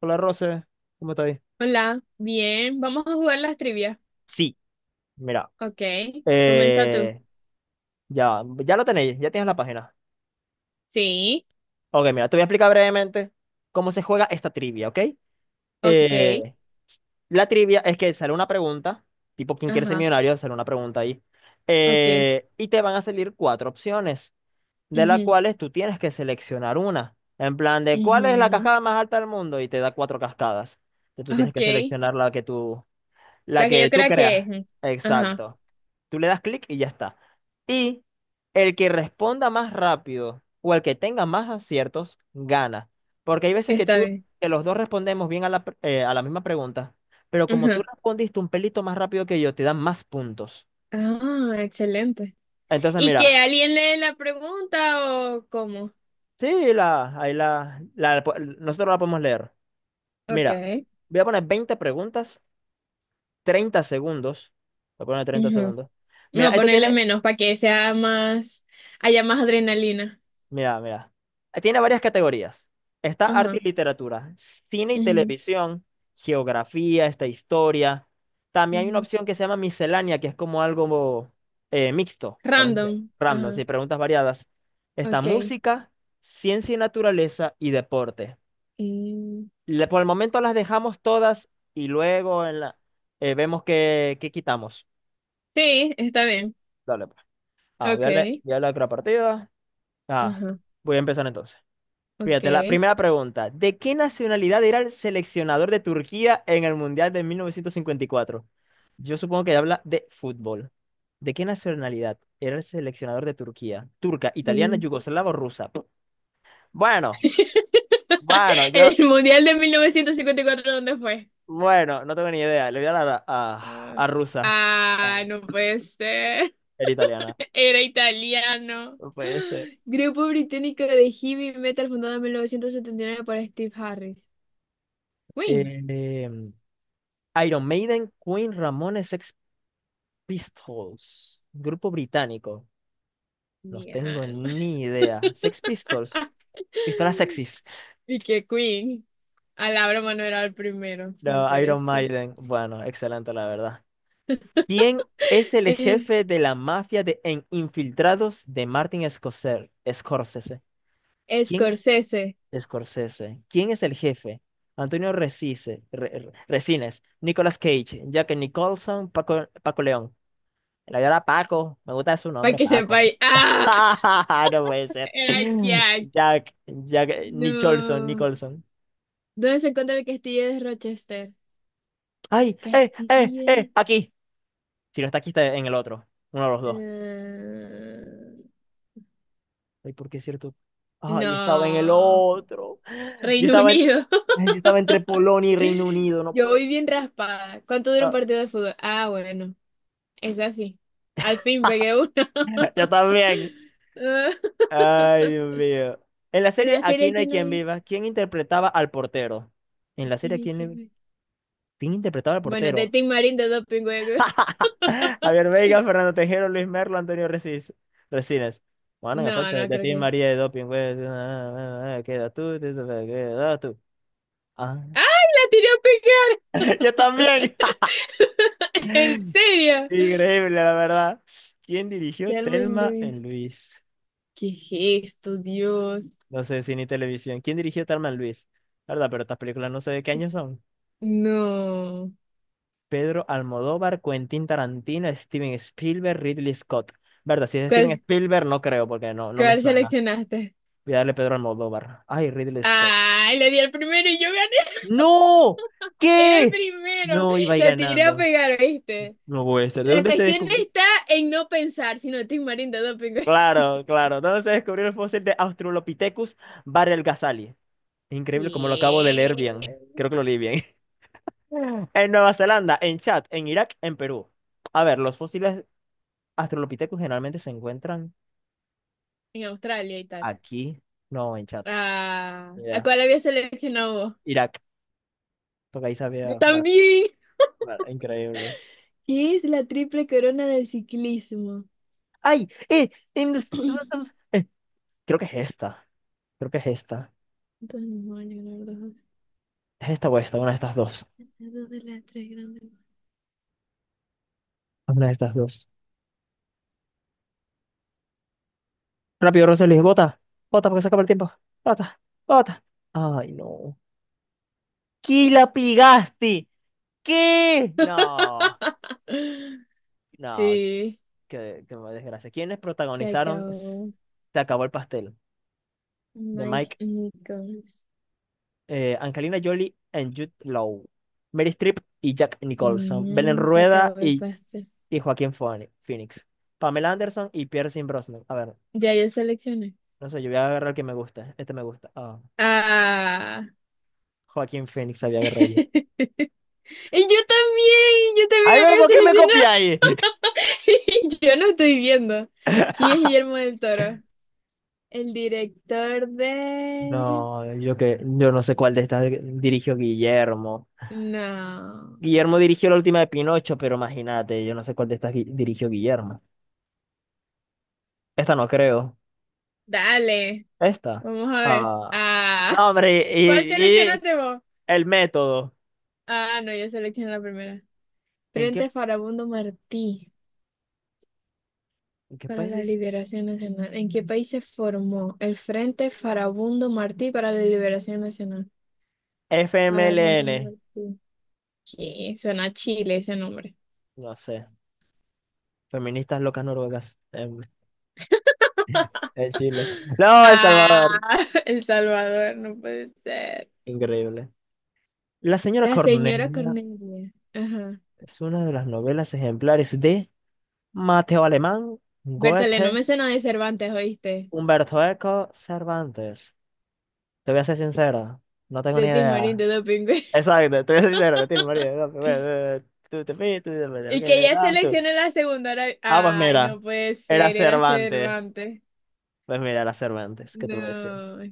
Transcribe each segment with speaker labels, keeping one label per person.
Speaker 1: Hola, Rose, ¿cómo estáis?
Speaker 2: Hola, bien, vamos a jugar las trivias.
Speaker 1: Sí, mira,
Speaker 2: Ok, comienza tú.
Speaker 1: eh, ya, ya lo tenéis, ya tienes la página.
Speaker 2: Sí,
Speaker 1: Ok, mira, te voy a explicar brevemente cómo se juega esta trivia, ¿ok?
Speaker 2: ok,
Speaker 1: Eh, la trivia es que sale una pregunta, tipo ¿quién quiere ser
Speaker 2: ajá,
Speaker 1: millonario? Sale una pregunta ahí,
Speaker 2: ok,
Speaker 1: y te van a salir cuatro opciones, de las
Speaker 2: ujú,
Speaker 1: cuales tú tienes que seleccionar una, en plan de ¿cuál es la
Speaker 2: ujú,
Speaker 1: cascada más alta del mundo? Y te da cuatro cascadas. Entonces tú tienes
Speaker 2: ok.
Speaker 1: que seleccionar la
Speaker 2: La que
Speaker 1: que
Speaker 2: yo
Speaker 1: tú
Speaker 2: creo que es.
Speaker 1: creas.
Speaker 2: Ujú, ajá,
Speaker 1: Exacto. Tú le das clic y ya está. Y el que responda más rápido o el que tenga más aciertos gana. Porque hay veces que
Speaker 2: está
Speaker 1: tú,
Speaker 2: bien.
Speaker 1: que los dos respondemos bien a a la misma pregunta, pero como tú
Speaker 2: Ajá.
Speaker 1: respondiste un pelito más rápido que yo, te dan más puntos.
Speaker 2: Ah, excelente.
Speaker 1: Entonces,
Speaker 2: ¿Y que
Speaker 1: mira,
Speaker 2: alguien lee la pregunta o cómo?
Speaker 1: sí, la, ahí la, la- nosotros la podemos leer.
Speaker 2: Ok,
Speaker 1: Mira, voy a poner 20 preguntas, 30 segundos. Voy a poner 30
Speaker 2: ujú.
Speaker 1: segundos. Mira,
Speaker 2: No,
Speaker 1: esto
Speaker 2: ponerle
Speaker 1: tiene.
Speaker 2: menos para que sea más, haya más adrenalina.
Speaker 1: Mira, mira. Tiene varias categorías. Está arte
Speaker 2: Ajá,
Speaker 1: y literatura, cine y
Speaker 2: ujú,
Speaker 1: televisión, geografía, esta historia. También hay una
Speaker 2: ujú.
Speaker 1: opción que se llama miscelánea, que es como algo mixto, por así decirlo,
Speaker 2: Random,
Speaker 1: random,
Speaker 2: ajá,
Speaker 1: sí, preguntas variadas. Está
Speaker 2: ok.
Speaker 1: música, ciencia y naturaleza y deporte.
Speaker 2: Mm,
Speaker 1: Por el momento las dejamos todas y luego en vemos qué, qué quitamos.
Speaker 2: sí, está bien.
Speaker 1: Dale, pues. Ah,
Speaker 2: Okay,
Speaker 1: voy a darle a otra partida. Ah,
Speaker 2: ajá,
Speaker 1: voy a empezar entonces. Fíjate, la
Speaker 2: okay.
Speaker 1: primera pregunta. ¿De qué nacionalidad era el seleccionador de Turquía en el Mundial de 1954? Yo supongo que habla de fútbol. ¿De qué nacionalidad era el seleccionador de Turquía? ¿Turca,
Speaker 2: De
Speaker 1: italiana,
Speaker 2: mil-
Speaker 1: yugoslava o rusa? Bueno, bueno, yo,
Speaker 2: El mundial de 1954, ¿dónde fue?
Speaker 1: bueno, no tengo ni idea. Le voy a dar
Speaker 2: Ah,
Speaker 1: a rusa. Ah,
Speaker 2: ah, no puede ser.
Speaker 1: era italiana.
Speaker 2: Era italiano.
Speaker 1: No puede ser.
Speaker 2: Grupo británico de heavy metal fundado en 1979 por Steve Harris. Queen.
Speaker 1: Eh, em, Iron Maiden, Queen, Ramones, Sex Pistols. Grupo británico. No
Speaker 2: Mi
Speaker 1: tengo
Speaker 2: alma.
Speaker 1: ni idea. Sex Pistols. Pistolas sexys.
Speaker 2: Y que Queen. A la broma no era el primero. No
Speaker 1: No,
Speaker 2: puede
Speaker 1: Iron
Speaker 2: ser.
Speaker 1: Maiden. Bueno, excelente, la verdad. ¿Quién es el
Speaker 2: Eh,
Speaker 1: jefe de la mafia de en Infiltrados de Martin Scorsese? Scorsese. ¿Quién?
Speaker 2: Scorsese.
Speaker 1: Scorsese. ¿Quién es el jefe? Antonio Resise, Resines, Nicolas Cage, Jack Nicholson, Paco, Paco León. La verdad, Paco. Me gusta su
Speaker 2: Para
Speaker 1: nombre,
Speaker 2: que sepa.
Speaker 1: Paco.
Speaker 2: ¡Ah!
Speaker 1: No puede ser.
Speaker 2: Era Jack.
Speaker 1: Jack Nicholson,
Speaker 2: No.
Speaker 1: Nicholson.
Speaker 2: ¿Dónde se encuentra el castillo de Rochester?
Speaker 1: ¡Ay! ¡Eh! ¡Eh! ¡Eh!
Speaker 2: Castillo.
Speaker 1: Aquí. Si no está aquí, está en el otro. Uno de los dos.
Speaker 2: eh,
Speaker 1: Ay, ¿por qué es cierto? Ay, estaba en el
Speaker 2: No.
Speaker 1: otro. Yo
Speaker 2: Reino
Speaker 1: estaba en...
Speaker 2: Unido.
Speaker 1: ay, yo estaba entre Polonia y Reino Unido, no
Speaker 2: Yo voy
Speaker 1: puede
Speaker 2: bien raspada. ¿Cuánto dura un
Speaker 1: ser.
Speaker 2: partido de fútbol? Ah, bueno. Es así. Al fin pegué uno.
Speaker 1: Yo también.
Speaker 2: Ah,
Speaker 1: Ay, Dios mío. En la
Speaker 2: en
Speaker 1: serie
Speaker 2: la
Speaker 1: Aquí
Speaker 2: serie,
Speaker 1: no hay
Speaker 2: ¿quién
Speaker 1: quien
Speaker 2: hay?
Speaker 1: viva, ¿quién interpretaba al portero? En la serie
Speaker 2: ¿Quién hay?
Speaker 1: Aquí no
Speaker 2: ¿Quién
Speaker 1: hay...
Speaker 2: hay?
Speaker 1: ¿Quién interpretaba al
Speaker 2: Bueno, de
Speaker 1: portero?
Speaker 2: Tim Marín de Doping Web.
Speaker 1: Javier Veiga, Fernando Tejero, Luis Merlo, Antonio Recis, Resines. Bueno, en
Speaker 2: No,
Speaker 1: efecto,
Speaker 2: no
Speaker 1: de
Speaker 2: creo
Speaker 1: ti
Speaker 2: que es.
Speaker 1: María de Doping, güey. Queda tú, queda tú. Ah.
Speaker 2: ¡Ay, la tiré
Speaker 1: Yo
Speaker 2: a
Speaker 1: también.
Speaker 2: pegar! ¿En serio?
Speaker 1: Increíble, la verdad. ¿Quién dirigió
Speaker 2: Telma y
Speaker 1: Telma en
Speaker 2: Luis.
Speaker 1: Luis?
Speaker 2: ¿Qué gesto, Dios?
Speaker 1: No sé, cine y televisión. ¿Quién dirigió Telma en Luis? La ¿verdad? Pero estas películas no sé de qué año son.
Speaker 2: No.
Speaker 1: Pedro Almodóvar, Quentin Tarantino, Steven Spielberg, Ridley Scott. ¿Verdad? Si es Steven
Speaker 2: ¿Cuál,
Speaker 1: Spielberg, no creo, porque no, no me
Speaker 2: cuál
Speaker 1: suena.
Speaker 2: seleccionaste?
Speaker 1: Voy a darle Pedro Almodóvar. Ay, Ridley Scott.
Speaker 2: ¡Ay, le di al primero y yo gané!
Speaker 1: No,
Speaker 2: Era el
Speaker 1: ¿qué?
Speaker 2: primero.
Speaker 1: No iba a ir
Speaker 2: La tiré a
Speaker 1: ganando.
Speaker 2: pegar, ¿viste?
Speaker 1: No puede ser. ¿De
Speaker 2: La
Speaker 1: dónde se
Speaker 2: cuestión
Speaker 1: descubrió?
Speaker 2: está en no pensar, si no te marinda doping.
Speaker 1: Claro, claro. ¿Dónde se descubrió el fósil de Australopithecus Barelgazali? Increíble como lo acabo de leer
Speaker 2: ¿Qué?
Speaker 1: bien. Creo que lo leí bien. En Nueva Zelanda, en Chad, en Irak, en Perú. A ver, los fósiles Australopithecus generalmente se encuentran
Speaker 2: En Australia y tal.
Speaker 1: aquí. No, en Chad.
Speaker 2: Ah,
Speaker 1: Ni
Speaker 2: ¿a
Speaker 1: idea.
Speaker 2: cuál había seleccionado vos?
Speaker 1: Irak. Porque ahí
Speaker 2: Yo
Speaker 1: sabía. Bueno,
Speaker 2: también.
Speaker 1: bueno, increíble.
Speaker 2: ¿Qué es la triple corona del ciclismo?
Speaker 1: ¡Ay! ¡Eh! Eh, creo que es esta. Creo que es esta.
Speaker 2: Dos mismos años, ganar los
Speaker 1: Es esta o esta, una de estas dos.
Speaker 2: dos de las tres grandes.
Speaker 1: Una de estas dos. Rápido, Roseli, bota. Bota porque se acaba el tiempo. Bota, bota. Ay, no. ¿Qué la pigaste? ¿Qué? No, no,
Speaker 2: Sí,
Speaker 1: qué, qué desgracia. ¿Quiénes
Speaker 2: se
Speaker 1: protagonizaron
Speaker 2: acabó.
Speaker 1: Se acabó el pastel? De
Speaker 2: Mike
Speaker 1: Mike,
Speaker 2: Nichols.
Speaker 1: Angelina Jolie and Jude Law. Mary Streep y Jack Nicholson.
Speaker 2: Mm, se acabó el pastel.
Speaker 1: Y Phoenix. Pamela Anderson y Pierce Brosnan. A ver,
Speaker 2: Ya yo seleccioné.
Speaker 1: no sé, yo voy a agarrar el que me gusta. Este me gusta. Ah.
Speaker 2: Ah.
Speaker 1: Joaquín Phoenix había agarrado.
Speaker 2: Y yo
Speaker 1: Ay,
Speaker 2: también
Speaker 1: pero
Speaker 2: había
Speaker 1: ¿por qué me
Speaker 2: seleccionado.
Speaker 1: copiáis?
Speaker 2: Yo no estoy viendo. ¿Quién es Guillermo del Toro? El director de...
Speaker 1: No, yo no sé cuál de estas dirigió Guillermo.
Speaker 2: No.
Speaker 1: Guillermo dirigió la última de Pinocho, pero imagínate, yo no sé cuál de estas dirigió Guillermo. Esta no creo.
Speaker 2: Dale.
Speaker 1: Esta.
Speaker 2: Vamos a ver.
Speaker 1: Ah.
Speaker 2: Ah,
Speaker 1: No, hombre,
Speaker 2: ¿cuál
Speaker 1: y, y
Speaker 2: seleccionaste vos?
Speaker 1: el método.
Speaker 2: Ah, no, yo seleccioné la primera.
Speaker 1: ¿En qué,
Speaker 2: Frente Farabundo Martí
Speaker 1: en qué
Speaker 2: para
Speaker 1: país
Speaker 2: la
Speaker 1: dice?
Speaker 2: Liberación Nacional. ¿En qué país se formó el Frente Farabundo Martí para la Liberación Nacional? Farabundo
Speaker 1: FMLN.
Speaker 2: Martí. ¿Qué? Suena a Chile ese nombre.
Speaker 1: No sé. Feministas locas noruegas en Chile. No, El
Speaker 2: Ah,
Speaker 1: Salvador.
Speaker 2: El Salvador, no puede ser.
Speaker 1: Increíble. La señora
Speaker 2: La señora
Speaker 1: Cornelia.
Speaker 2: Cornelia. Ajá.
Speaker 1: Es una de las novelas ejemplares de Mateo Alemán,
Speaker 2: Bertale, no
Speaker 1: Goethe,
Speaker 2: me suena de Cervantes, ¿oíste?
Speaker 1: Humberto Eco, Cervantes. Te voy a ser sincero, no tengo ni
Speaker 2: De Timarín,
Speaker 1: idea.
Speaker 2: de Dopingüe.
Speaker 1: Exacto, te voy a ser sincero, te tengo ni idea. Bueno, tú te fuiste, tú te fuiste, el
Speaker 2: Y
Speaker 1: que
Speaker 2: que ya
Speaker 1: eras tú.
Speaker 2: seleccioné la segunda. Ahora-
Speaker 1: Ah, pues
Speaker 2: ay,
Speaker 1: mira,
Speaker 2: no puede
Speaker 1: era
Speaker 2: ser, era
Speaker 1: Cervantes.
Speaker 2: Cervantes.
Speaker 1: Pues mira, era Cervantes, ¿qué te voy a decir?
Speaker 2: No.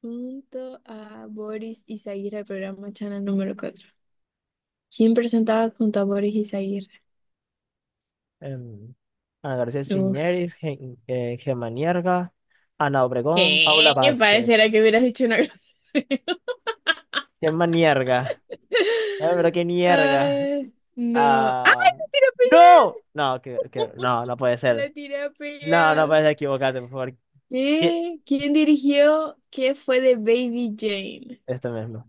Speaker 2: Junto a Boris Izaguirre, el programa Channel número cuatro. ¿Quién presentaba junto a Boris Izaguirre?
Speaker 1: Em, Ana García
Speaker 2: Uf.
Speaker 1: Ciñeris, Gemma Nierga, Ana Obregón, Paula
Speaker 2: ¿Qué?
Speaker 1: Vázquez.
Speaker 2: Pareciera que hubieras dicho una grosería.
Speaker 1: Gemma Nierga. Pero qué nierga.
Speaker 2: Ay, no.
Speaker 1: Ah,
Speaker 2: ¡Ay, la tiré a pillar!
Speaker 1: ¡no! No, no, no puede
Speaker 2: La
Speaker 1: ser.
Speaker 2: tiré a
Speaker 1: No, no
Speaker 2: pillar.
Speaker 1: puede ser equivocarte, por favor. ¿Qué?
Speaker 2: ¿Qué? ¿Quién dirigió? ¿Qué fue de Baby Jane?
Speaker 1: Esto mismo.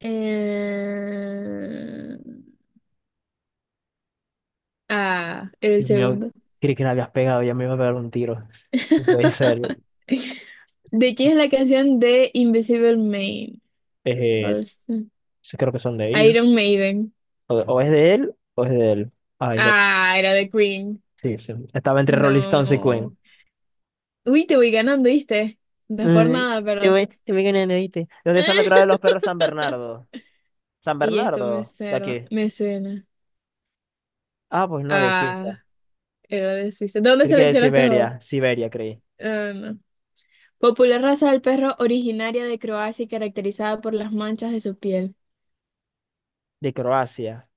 Speaker 2: Eh... Ah, era el
Speaker 1: Dios mío,
Speaker 2: segundo.
Speaker 1: creí que la habías pegado, ya me iba a pegar un tiro. No puede ser.
Speaker 2: ¿De quién es la canción de Invisible Man?
Speaker 1: Eh,
Speaker 2: Rolston.
Speaker 1: sí, creo que son de ellos.
Speaker 2: Iron Maiden.
Speaker 1: O es de él, o es de él. Ay, de-
Speaker 2: Ah, era de Queen.
Speaker 1: sí, sí. Estaba entre Rolling Stones y Queen.
Speaker 2: No. Uy, te voy ganando, ¿viste? No es por
Speaker 1: Mm,
Speaker 2: nada, pero.
Speaker 1: Te voy ganando, ¿viste? ¿Dónde son naturales los perros San Bernardo? San
Speaker 2: Y esto me
Speaker 1: Bernardo, de
Speaker 2: suena.
Speaker 1: aquí.
Speaker 2: Me suena.
Speaker 1: Ah, pues no, de Suiza.
Speaker 2: Ah, era de Suiza. ¿De dónde
Speaker 1: Creí que de
Speaker 2: seleccionaste vos?
Speaker 1: Siberia, Siberia, creí.
Speaker 2: Ah, no. Popular raza del perro originaria de Croacia y caracterizada por las manchas de su piel.
Speaker 1: De Croacia.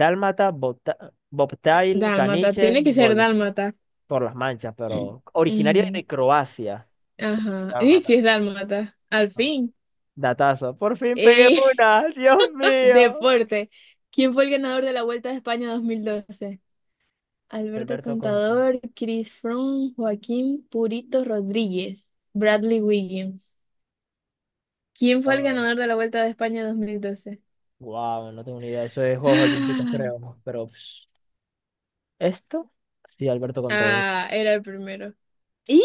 Speaker 1: Dálmata, bobtail,
Speaker 2: Dálmata.
Speaker 1: caniche,
Speaker 2: Tiene que ser
Speaker 1: gole,
Speaker 2: dálmata.
Speaker 1: por las manchas, pero originario
Speaker 2: Ujú.
Speaker 1: de Croacia.
Speaker 2: Ajá. Y si
Speaker 1: Dálmata.
Speaker 2: es dálmata, al
Speaker 1: Ajá.
Speaker 2: fin.
Speaker 1: Datazo. Por fin pegué
Speaker 2: Eh,
Speaker 1: una. Dios mío.
Speaker 2: deporte. ¿Quién fue el ganador de la Vuelta de España 2012? Alberto
Speaker 1: Alberto Conte.
Speaker 2: Contador, Chris Froome, Joaquín Purito Rodríguez, Bradley Wiggins. ¿Quién fue el
Speaker 1: Wow.
Speaker 2: ganador de la Vuelta de España 2012?
Speaker 1: Wow, no tengo ni idea. Eso es Juegos Olímpicos, creo. ¿No? Pero pss, esto, sí, Alberto con todo.
Speaker 2: Ah, era el primero. ¡Y le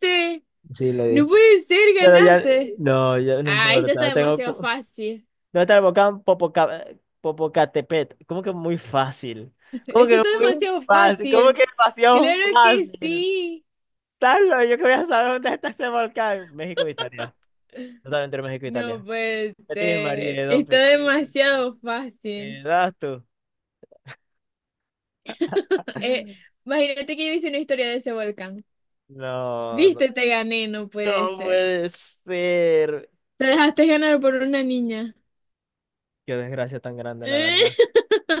Speaker 2: diste!
Speaker 1: Sí, le
Speaker 2: No
Speaker 1: di.
Speaker 2: puede ser,
Speaker 1: Pero ya,
Speaker 2: ganaste.
Speaker 1: no, ya no
Speaker 2: Ah, esto está
Speaker 1: importa. Tengo,
Speaker 2: demasiado
Speaker 1: cu-
Speaker 2: fácil.
Speaker 1: ¿dónde está el volcán Popocatépetl? ¿Cómo que muy fácil? ¿Cómo
Speaker 2: Eso
Speaker 1: que
Speaker 2: está
Speaker 1: muy
Speaker 2: demasiado
Speaker 1: fácil? ¿Cómo
Speaker 2: fácil.
Speaker 1: que demasiado
Speaker 2: Claro que
Speaker 1: fácil?
Speaker 2: sí.
Speaker 1: Carlos, yo que voy a saber dónde está ese volcán. México e Italia. Totalmente entre México e
Speaker 2: No
Speaker 1: Italia.
Speaker 2: puede
Speaker 1: Betis,
Speaker 2: ser.
Speaker 1: María, Don
Speaker 2: Está
Speaker 1: pingüe.
Speaker 2: demasiado
Speaker 1: ¿Qué
Speaker 2: fácil.
Speaker 1: das tú?
Speaker 2: Eh, imagínate que yo hice una historia de ese volcán.
Speaker 1: No, no,
Speaker 2: Viste, te gané, no puede
Speaker 1: no
Speaker 2: ser.
Speaker 1: puede ser.
Speaker 2: Te dejaste ganar por una niña.
Speaker 1: Qué desgracia tan grande, la verdad.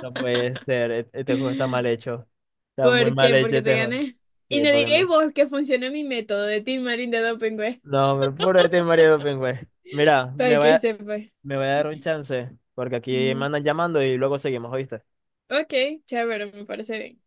Speaker 1: No puede ser. Este juego está mal hecho. Está muy
Speaker 2: ¿Por
Speaker 1: mal
Speaker 2: qué?
Speaker 1: hecho
Speaker 2: Porque te
Speaker 1: este juego.
Speaker 2: gané. Y
Speaker 1: Sí,
Speaker 2: no
Speaker 1: porque
Speaker 2: digáis
Speaker 1: me...
Speaker 2: vos que funcionó mi método de Team Marín de Dopingüe,
Speaker 1: No, hombre, puro Betis, María, Don Pingüe. Mira,
Speaker 2: para que sepas.
Speaker 1: me voy a dar un chance. Porque aquí me
Speaker 2: Ujú.
Speaker 1: andan llamando y luego seguimos, ¿oíste?
Speaker 2: Ok, chévere, me parece bien.